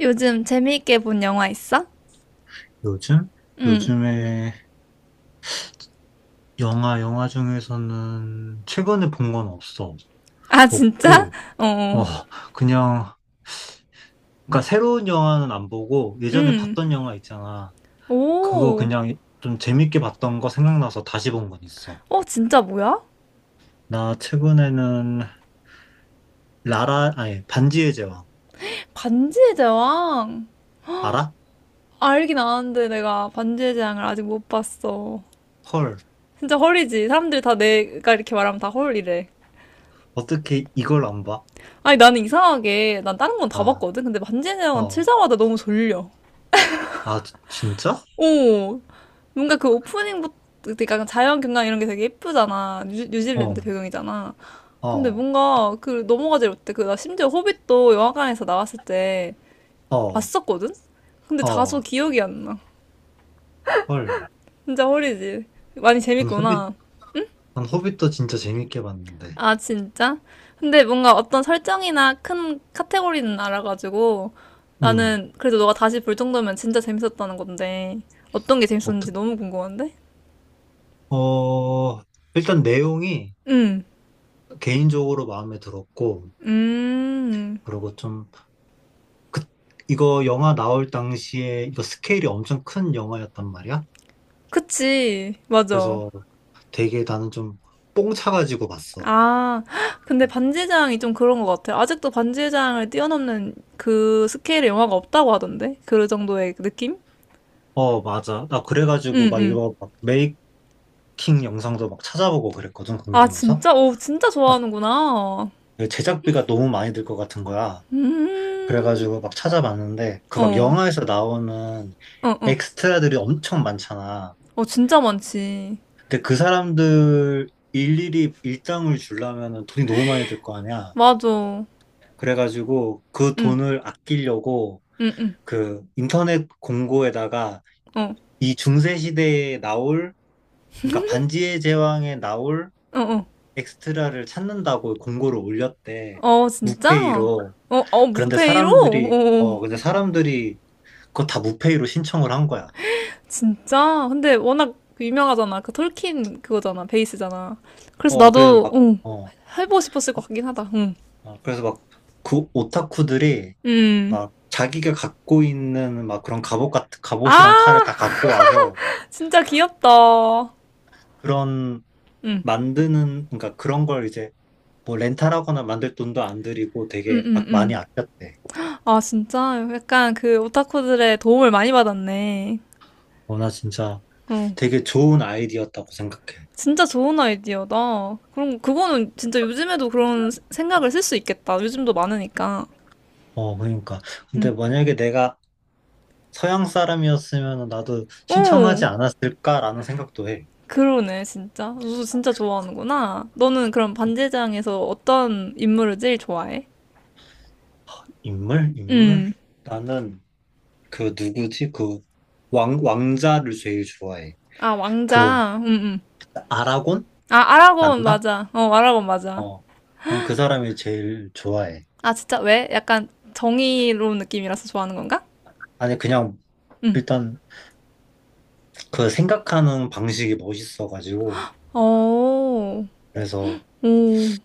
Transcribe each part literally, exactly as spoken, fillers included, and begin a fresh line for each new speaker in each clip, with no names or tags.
요즘 재미있게 본 영화 있어?
요즘?
응.
요즘에 영화, 영화 중에서는 최근에 본 건 없어.
아, 진짜?
없고,
어.
어, 그냥, 그러니까 새로운 영화는 안 보고 예전에
응.
봤던 영화 있잖아. 그거
오.
그냥 좀 재밌게 봤던 거 생각나서 다시 본 건 있어.
어, 진짜 뭐야?
나 최근에는 라라, 아니, 반지의 제왕.
반지의 제왕.
알아?
알긴 아는데 내가 반지의 제왕을 아직 못 봤어.
헐.
진짜 헐이지. 사람들이 다 내가 이렇게 말하면 다 헐이래.
어떻게 이걸 안 봐?
아니, 나는 이상하게, 난 다른 건 다
어,
봤거든? 근데 반지의 제왕은
어.
치자마자 너무 졸려.
아, 지- 진짜?
오, 뭔가 그 오프닝부터, 그러니까 자연 경관 이런 게 되게 예쁘잖아. 뉴,
어,
뉴질랜드 배경이잖아. 근데
어,
뭔가 그 넘어가질 못해. 그 나 심지어 호빗도 영화관에서 나왔을 때
어,
봤었거든? 근데 다소
어.
기억이 안 나.
헐.
진짜 허리지. 많이
난 호빗,
재밌구나.
난 호빗도 진짜 재밌게 봤는데.
아, 진짜? 근데 뭔가 어떤 설정이나 큰 카테고리는 알아가지고
음,
나는 그래도 너가 다시 볼 정도면 진짜 재밌었다는 건데 어떤 게 재밌었는지
어떻게,
너무 궁금한데?
어, 일단 내용이
응.
개인적으로 마음에 들었고,
음.
그리고 좀, 그, 이거 영화 나올 당시에 이거 스케일이 엄청 큰 영화였단 말이야.
그치, 맞아.
그래서 되게 나는 좀 뽕차가지고 봤어.
아, 헉, 근데 반지의 제왕이 좀 그런 것 같아요. 아직도 반지의 제왕을 뛰어넘는 그 스케일의 영화가 없다고 하던데? 그 정도의 느낌?
어, 맞아. 나
응,
그래가지고 막
응.
이거 막 메이킹 영상도 막 찾아보고 그랬거든,
아,
궁금해서.
진짜? 오, 진짜 좋아하는구나.
막그 제작비가 너무 많이 들 것 같은 거야.
음,
그래가지고 막 찾아봤는데, 그 막
어,
영화에서 나오는
어, 어.
엑스트라들이 엄청 많잖아.
어, 진짜 많지.
근데 그 사람들 일일이 일당을 주려면 돈이 너무 많이 들 거 아니야.
맞아.
그래가지고 그
응,
돈을 아끼려고
응, 응.
그 인터넷 공고에다가
어,
이 중세 시대에 나올 그러니까 반지의 제왕에 나올
어, 어.
엑스트라를 찾는다고 공고를 올렸대.
어, 진짜?
무페이로.
어, 어,
그런데
무페이로?
사람들이
어. 어.
어 근데 사람들이 그거 다 무페이로 신청을 한 거야.
진짜? 근데 워낙 유명하잖아. 그 톨킨 그거잖아. 베이스잖아. 그래서
어 그래서
나도,
막
응,
어,
해보고 싶었을 것 같긴 하다. 응.
어, 그래서 막 그 오타쿠들이
음.
막 자기가 갖고 있는 막 그런 갑옷 같은 갑옷이랑 칼을
아,
다 갖고 와서
진짜 귀엽다. 응.
그런
음,
만드는 그러니까 그런 걸 이제 뭐 렌탈하거나 만들 돈도 안 들이고
음,
되게 아-
음.
많이 아꼈대.
아, 진짜? 약간 그 오타쿠들의 도움을 많이 받았네.
어, 나 진짜
어.
되게 좋은 아이디어였다고 생각해.
진짜 좋은 아이디어다. 그럼 그거는 진짜 요즘에도 그런 생각을 쓸 수 있겠다. 요즘도 많으니까.
어, 그러니까. 근데
응.
만약에 내가 서양 사람이었으면 나도
어,
신청하지 않았을까라는 생각도 해.
그러네, 진짜. 우수 진짜 좋아하는구나. 너는 그럼 반지장에서 어떤 인물을 제일 좋아해?
인물? 인물?
음.
나는 그 누구지? 그 왕, 왕자를 제일 좋아해.
아,
그
왕자. 음, 음.
아라곤?
아, 아라곤
맞나?
맞아. 어, 아라곤 맞아.
어, 난 그 사람이 제일 좋아해.
아, 진짜 왜? 약간 정의로운 느낌이라서 좋아하는 건가?
아니, 그냥,
음.
일단, 그 생각하는 방식이 멋있어가지고,
어.
그래서,
오.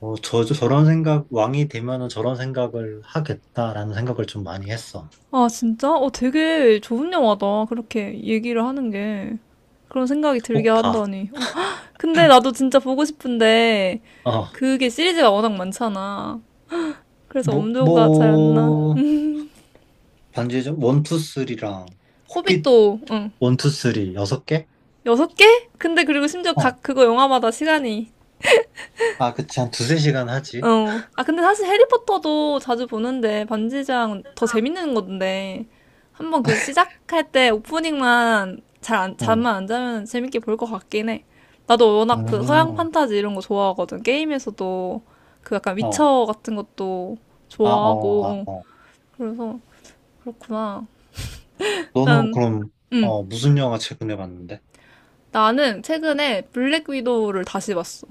어, 저, 저- 저런 생각, 왕이 되면은 저런 생각을 하겠다라는 생각을 좀 많이 했어.
아, 진짜? 어, 되게 좋은 영화다. 그렇게 얘기를 하는 게. 그런 생각이 들게
꼭 봐.
한다니. 어, 근데 나도 진짜 보고 싶은데,
어,
그게 시리즈가 워낙 많잖아. 그래서
뭐,
엄두가 잘 안 나.
뭐, 반지의 원, 투, 쓰리랑, 호빗
호빗도 응
원, 투, 쓰리, 여섯 개?
여섯 개? 근데 그리고 심지어
어,
각 그거 영화마다 시간이
아, 그치, 한 두세 시간 하지.
어. 아 근데 사실 해리포터도 자주 보는데 반지장은 더 재밌는 건데 한번 그 시작할 때 오프닝만 잘 안,
응,
잠만 안 자면 재밌게 볼 것 같긴 해. 나도 워낙 그 서양
음,
판타지 이런 거 좋아하거든. 게임에서도 그 약간
어,
위쳐 같은 것도
아,
좋아하고
어, 아,
어.
어.
그래서 그렇구나.
너는
난
그럼,
응.
어, 무슨 영화 최근에 봤는데?
나는 최근에 블랙 위도우를 다시 봤어.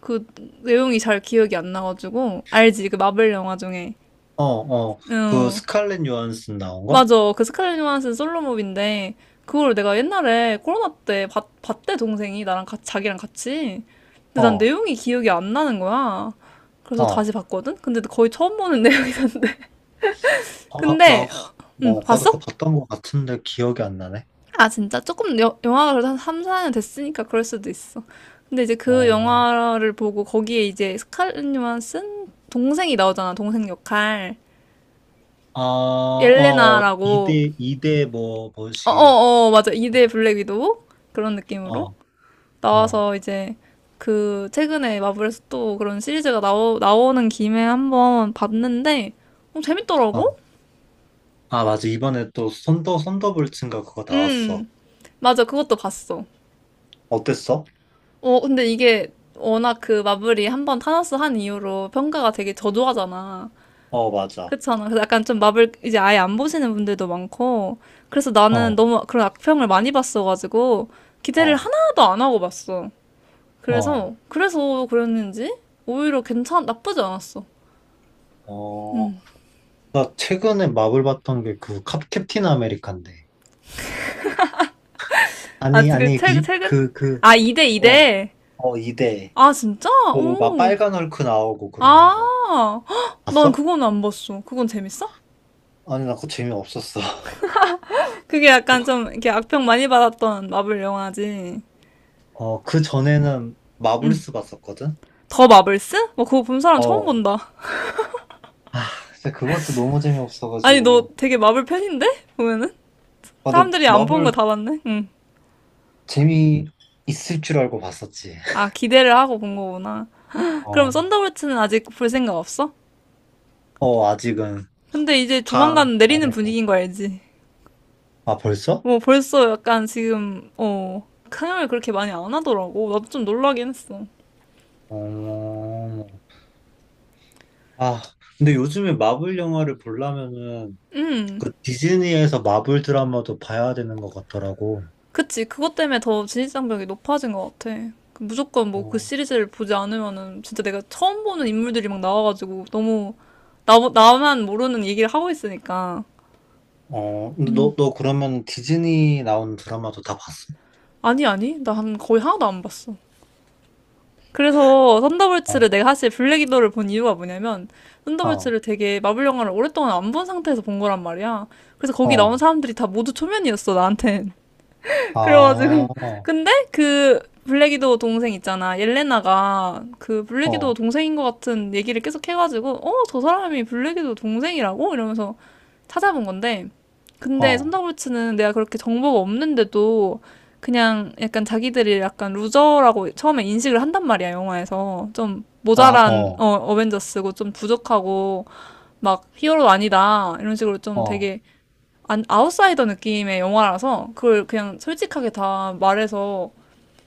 그 내용이 잘 기억이 안 나가지고 알지? 그 마블 영화 중에.
어, 어, 그
응.
스칼렛 요한슨 나온 거?
맞아. 그 스칼렛 요한슨 솔로몹인데 그걸 내가 옛날에 코로나 때 봤, 봤대 동생이 나랑 같이 자기랑 같이. 근데 난
어,
내용이 기억이 안 나는 거야. 그래서
어,
다시 봤거든? 근데 거의 처음 보는 내용이던데.
아, 나,
근데 어, 응,
뭐, 나도
봤어?
그거 봤던 것 같은데 기억이 안 나네.
아, 진짜? 조금 여- 영화가 그래도 한 삼, 사 년 됐으니까 그럴 수도 있어. 근데 이제 그
어,
영화를 보고 거기에 이제 스칼렛 요한슨 동생이 나오잖아, 동생 역할.
아, 어,
옐레나라고.
이대이대 뭐,
어,
뭐시,
어, 어, 맞아. 이 대 블랙 위도우? 그런 느낌으로
어, 어,
나와서 이제 그 최근에 마블에서 또 그런 시리즈가 나오, 나오는 김에 한번 봤는데 어,
어.
재밌더라고?
아, 맞아. 이번에 또 썬더, 썬더볼츠인가 그거 나왔어.
음, 맞아. 그것도 봤어.
어땠어?
어, 근데 이게 워낙 그 마블이 한번 타노스 한 이후로 평가가 되게 저조하잖아.
어, 맞아.
그렇잖아. 그래서 약간 좀 마블 이제 아예 안 보시는 분들도 많고. 그래서
어,
나는 너무 그런 악평을 많이 봤어가지고 기대를
어,
하나도 안 하고 봤어.
어,
그래서, 그래서 그랬는지 오히려 괜찮, 나쁘지 않았어.
어. 나 최근에 마블 봤던 게 그 캡틴 아메리칸데.
아,
아니,
지금
아니,
최근,
그,
최근?
그, 그,
아, 이 대
어,
이 대?
어, 이대
아, 진짜?
그 막
오.
빨간 헐크 나오고 그러는 거
아, 헉, 난
봤어?
그건 안 봤어. 그건 재밌어?
아니 나 그거 재미없었어.
그게 약간 좀 이렇게 악평 많이 받았던 마블 영화지.
어 그 전에는 마블스 봤었거든.
더 마블스? 뭐 그거 본 사람 처음
어.
본다.
아 근데 그것도 너무
아니 너
재미없어가지고.
되게 마블 팬인데? 보면은
아 근데
사람들이 안 본
마블
거 다 봤네. 응.
재미 있을 줄 알고 봤었지.
아 기대를 하고 본 거구나.
어.
그럼 썬더볼츠는 아직 볼 생각 없어?
어 아직은
근데 이제
다
조만간 내리는
망해서.
분위기인 거 알지?
아 벌써?
뭐 벌써 약간 지금 어 상영을 그렇게 많이 안 하더라고. 나도 좀 놀라긴 했어.
어. 아 근데 요즘에 마블 영화를 보려면은
음.
그 디즈니에서 마블 드라마도 봐야 되는 것 같더라고.
그치, 그것 때문에 더 진입장벽이 높아진 것 같아. 그 무조건 뭐 그
어.
시리즈를 보지 않으면은 진짜 내가 처음 보는 인물들이 막 나와가지고 너무 나, 나만 모르는 얘기를 하고 있으니까.
어, 근데 너, 너 그러면 디즈니 나온 드라마도 다 봤어?
아니, 아니. 나 한 거의 하나도 안 봤어. 그래서 썬더볼츠를 내가 사실 블랙 위도를 본 이유가 뭐냐면
어,
썬더볼츠를 되게 마블 영화를 오랫동안 안 본 상태에서 본 거란 말이야. 그래서 거기 나온
어,
사람들이 다 모두 초면이었어, 나한텐.
아,
그래가지고
어,
근데 그 블랙이도 동생 있잖아 옐레나가 그 블랙이도
어,
동생인 것 같은 얘기를 계속 해가지고 어 저 사람이 블랙이도 동생이라고 이러면서 찾아본 건데 근데 손더볼츠는 내가 그렇게 정보가 없는데도 그냥 약간 자기들이 약간 루저라고 처음에 인식을 한단 말이야 영화에서 좀
아,
모자란
어,
어, 어벤져스고 좀 부족하고 막 히어로 아니다 이런 식으로 좀
어,
되게 안, 아웃사이더 느낌의 영화라서 그걸 그냥 솔직하게 다 말해서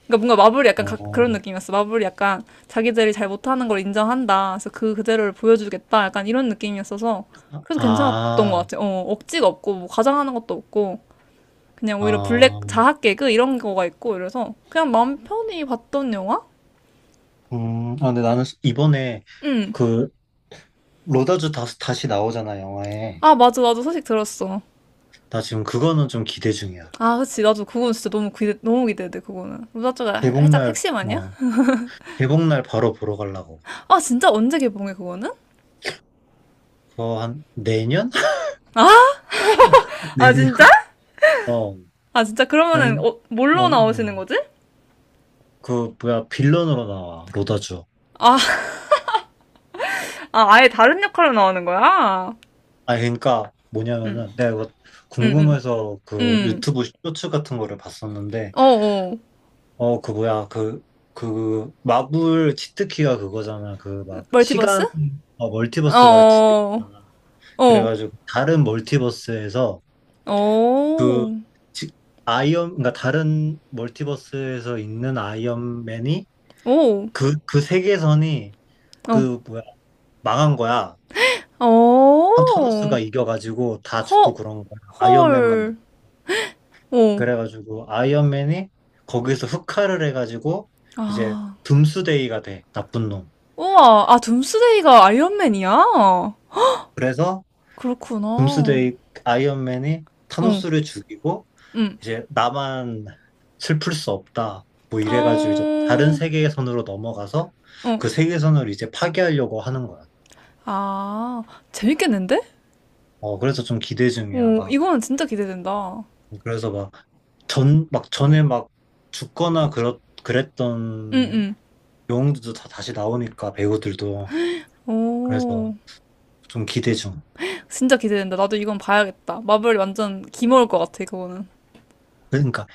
그러니까 뭔가 마블이 약간 가- 그런
어,
느낌이었어. 마블이 약간 자기들이 잘 못하는 걸 인정한다. 그래서 그 그대로를 보여주겠다. 약간 이런 느낌이었어서 그래서 괜찮았던 것
아,
같아. 어, 억지가 없고 뭐 과장하는 것도 없고 그냥 오히려
아,
블랙 자학 개그 이런 거가 있고 이래서 그냥 마음 편히 봤던 영화?
음, 아, 근데 나는 이번에
응.
그 로다주 다시, 다시 나오잖아, 영화에.
아 맞아 나도 소식 들었어.
나 지금 그거는 좀 기대 중이야.
아 그치 나도 그건 진짜 너무 기대 너무 기대돼 그거는. 로다조가 살짝
개봉날,
핵심 아니야?
어, 개봉날 바로 보러 가려고.
아 진짜 언제 개봉해 그거는?
그거 한 내년?
아,
내년?
진짜?
어,
아, 진짜
아니,
그러면은, 어, 뭘로
어,
나오시는
음.
거지?
그, 뭐야, 빌런으로 나와, 로다주.
아, 아, 아예 다른 역할로 나오는 거야?
아 그러니까 뭐냐면은
응
내가 이거
응 응
궁금해서 그
응
유튜브 쇼츠 같은 거를 봤었는데
어, 어.
어 그 뭐야 그 그 마블 치트키가 그거잖아 그 막
멀티버스?
시간. 어,
어,
멀티버스가
어,
치트키잖아.
어,
그래가지고 다른 멀티버스에서 그
어,
지- 아이언 그러니까 다른 멀티버스에서 있는 아이언맨이
어,
그 그 세계선이
어,
그 뭐야 망한 거야. 한
어,
타노스가 이겨가지고 다 죽고
허,
그런 거야. 아이언맨만.
헐, 어.
그래가지고 아이언맨이 거기서 흑화를 해가지고 이제
아,
둠스데이가 돼 나쁜 놈.
우와, 아, 둠스데이가 아이언맨이야?
그래서
그렇구나.
둠스데이 아이언맨이
어,
타노스를 죽이고
응
이제 나만 슬플 수 없다 뭐 이래가지고 이제 다른
어,
세계선으로 넘어가서
어.
그 세계선을 이제 파괴하려고 하는 거야.
아, 재밌겠는데?
어 그래서 좀 기대 중이야
오,
막.
이거는 진짜 기대된다.
그래서 막 전 막 전에 막 죽거나 그렇 그랬던
응응.
영웅들도 다 다시 나오니까 배우들도. 그래서
오,
좀 기대 중.
진짜 기대된다. 나도 이건 봐야겠다. 마블이 완전 기모일 것 같아, 그거는.
그러니까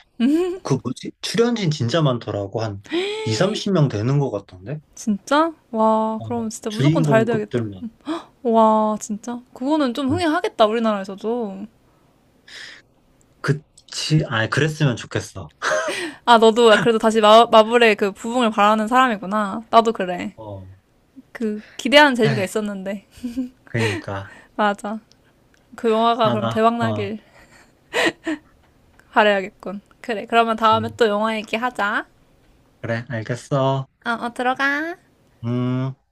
그 뭐지? 출연진 진짜 많더라고. 한 이, 삼십 명 되는 것 같던데?
진짜? 와,
어,
그럼 진짜 무조건 잘 돼야겠다.
주인공급들만.
와, 진짜? 그거는 좀
음.
흥행하겠다, 우리나라에서도.
그치, 아, 그랬으면 좋겠어.
아, 너도 그래도 다시 마, 마블의 그 부흥을 바라는 사람이구나. 나도 그래.
어,
그, 기대하는 재미가
에이,
있었는데.
그러니까.
맞아. 그 영화가
아,
그럼
나,
대박
어,
나길 바라야겠군. 그래, 그러면 다음에
음,
또 영화 얘기하자.
그래, 알겠어.
어, 어, 들어가.
음.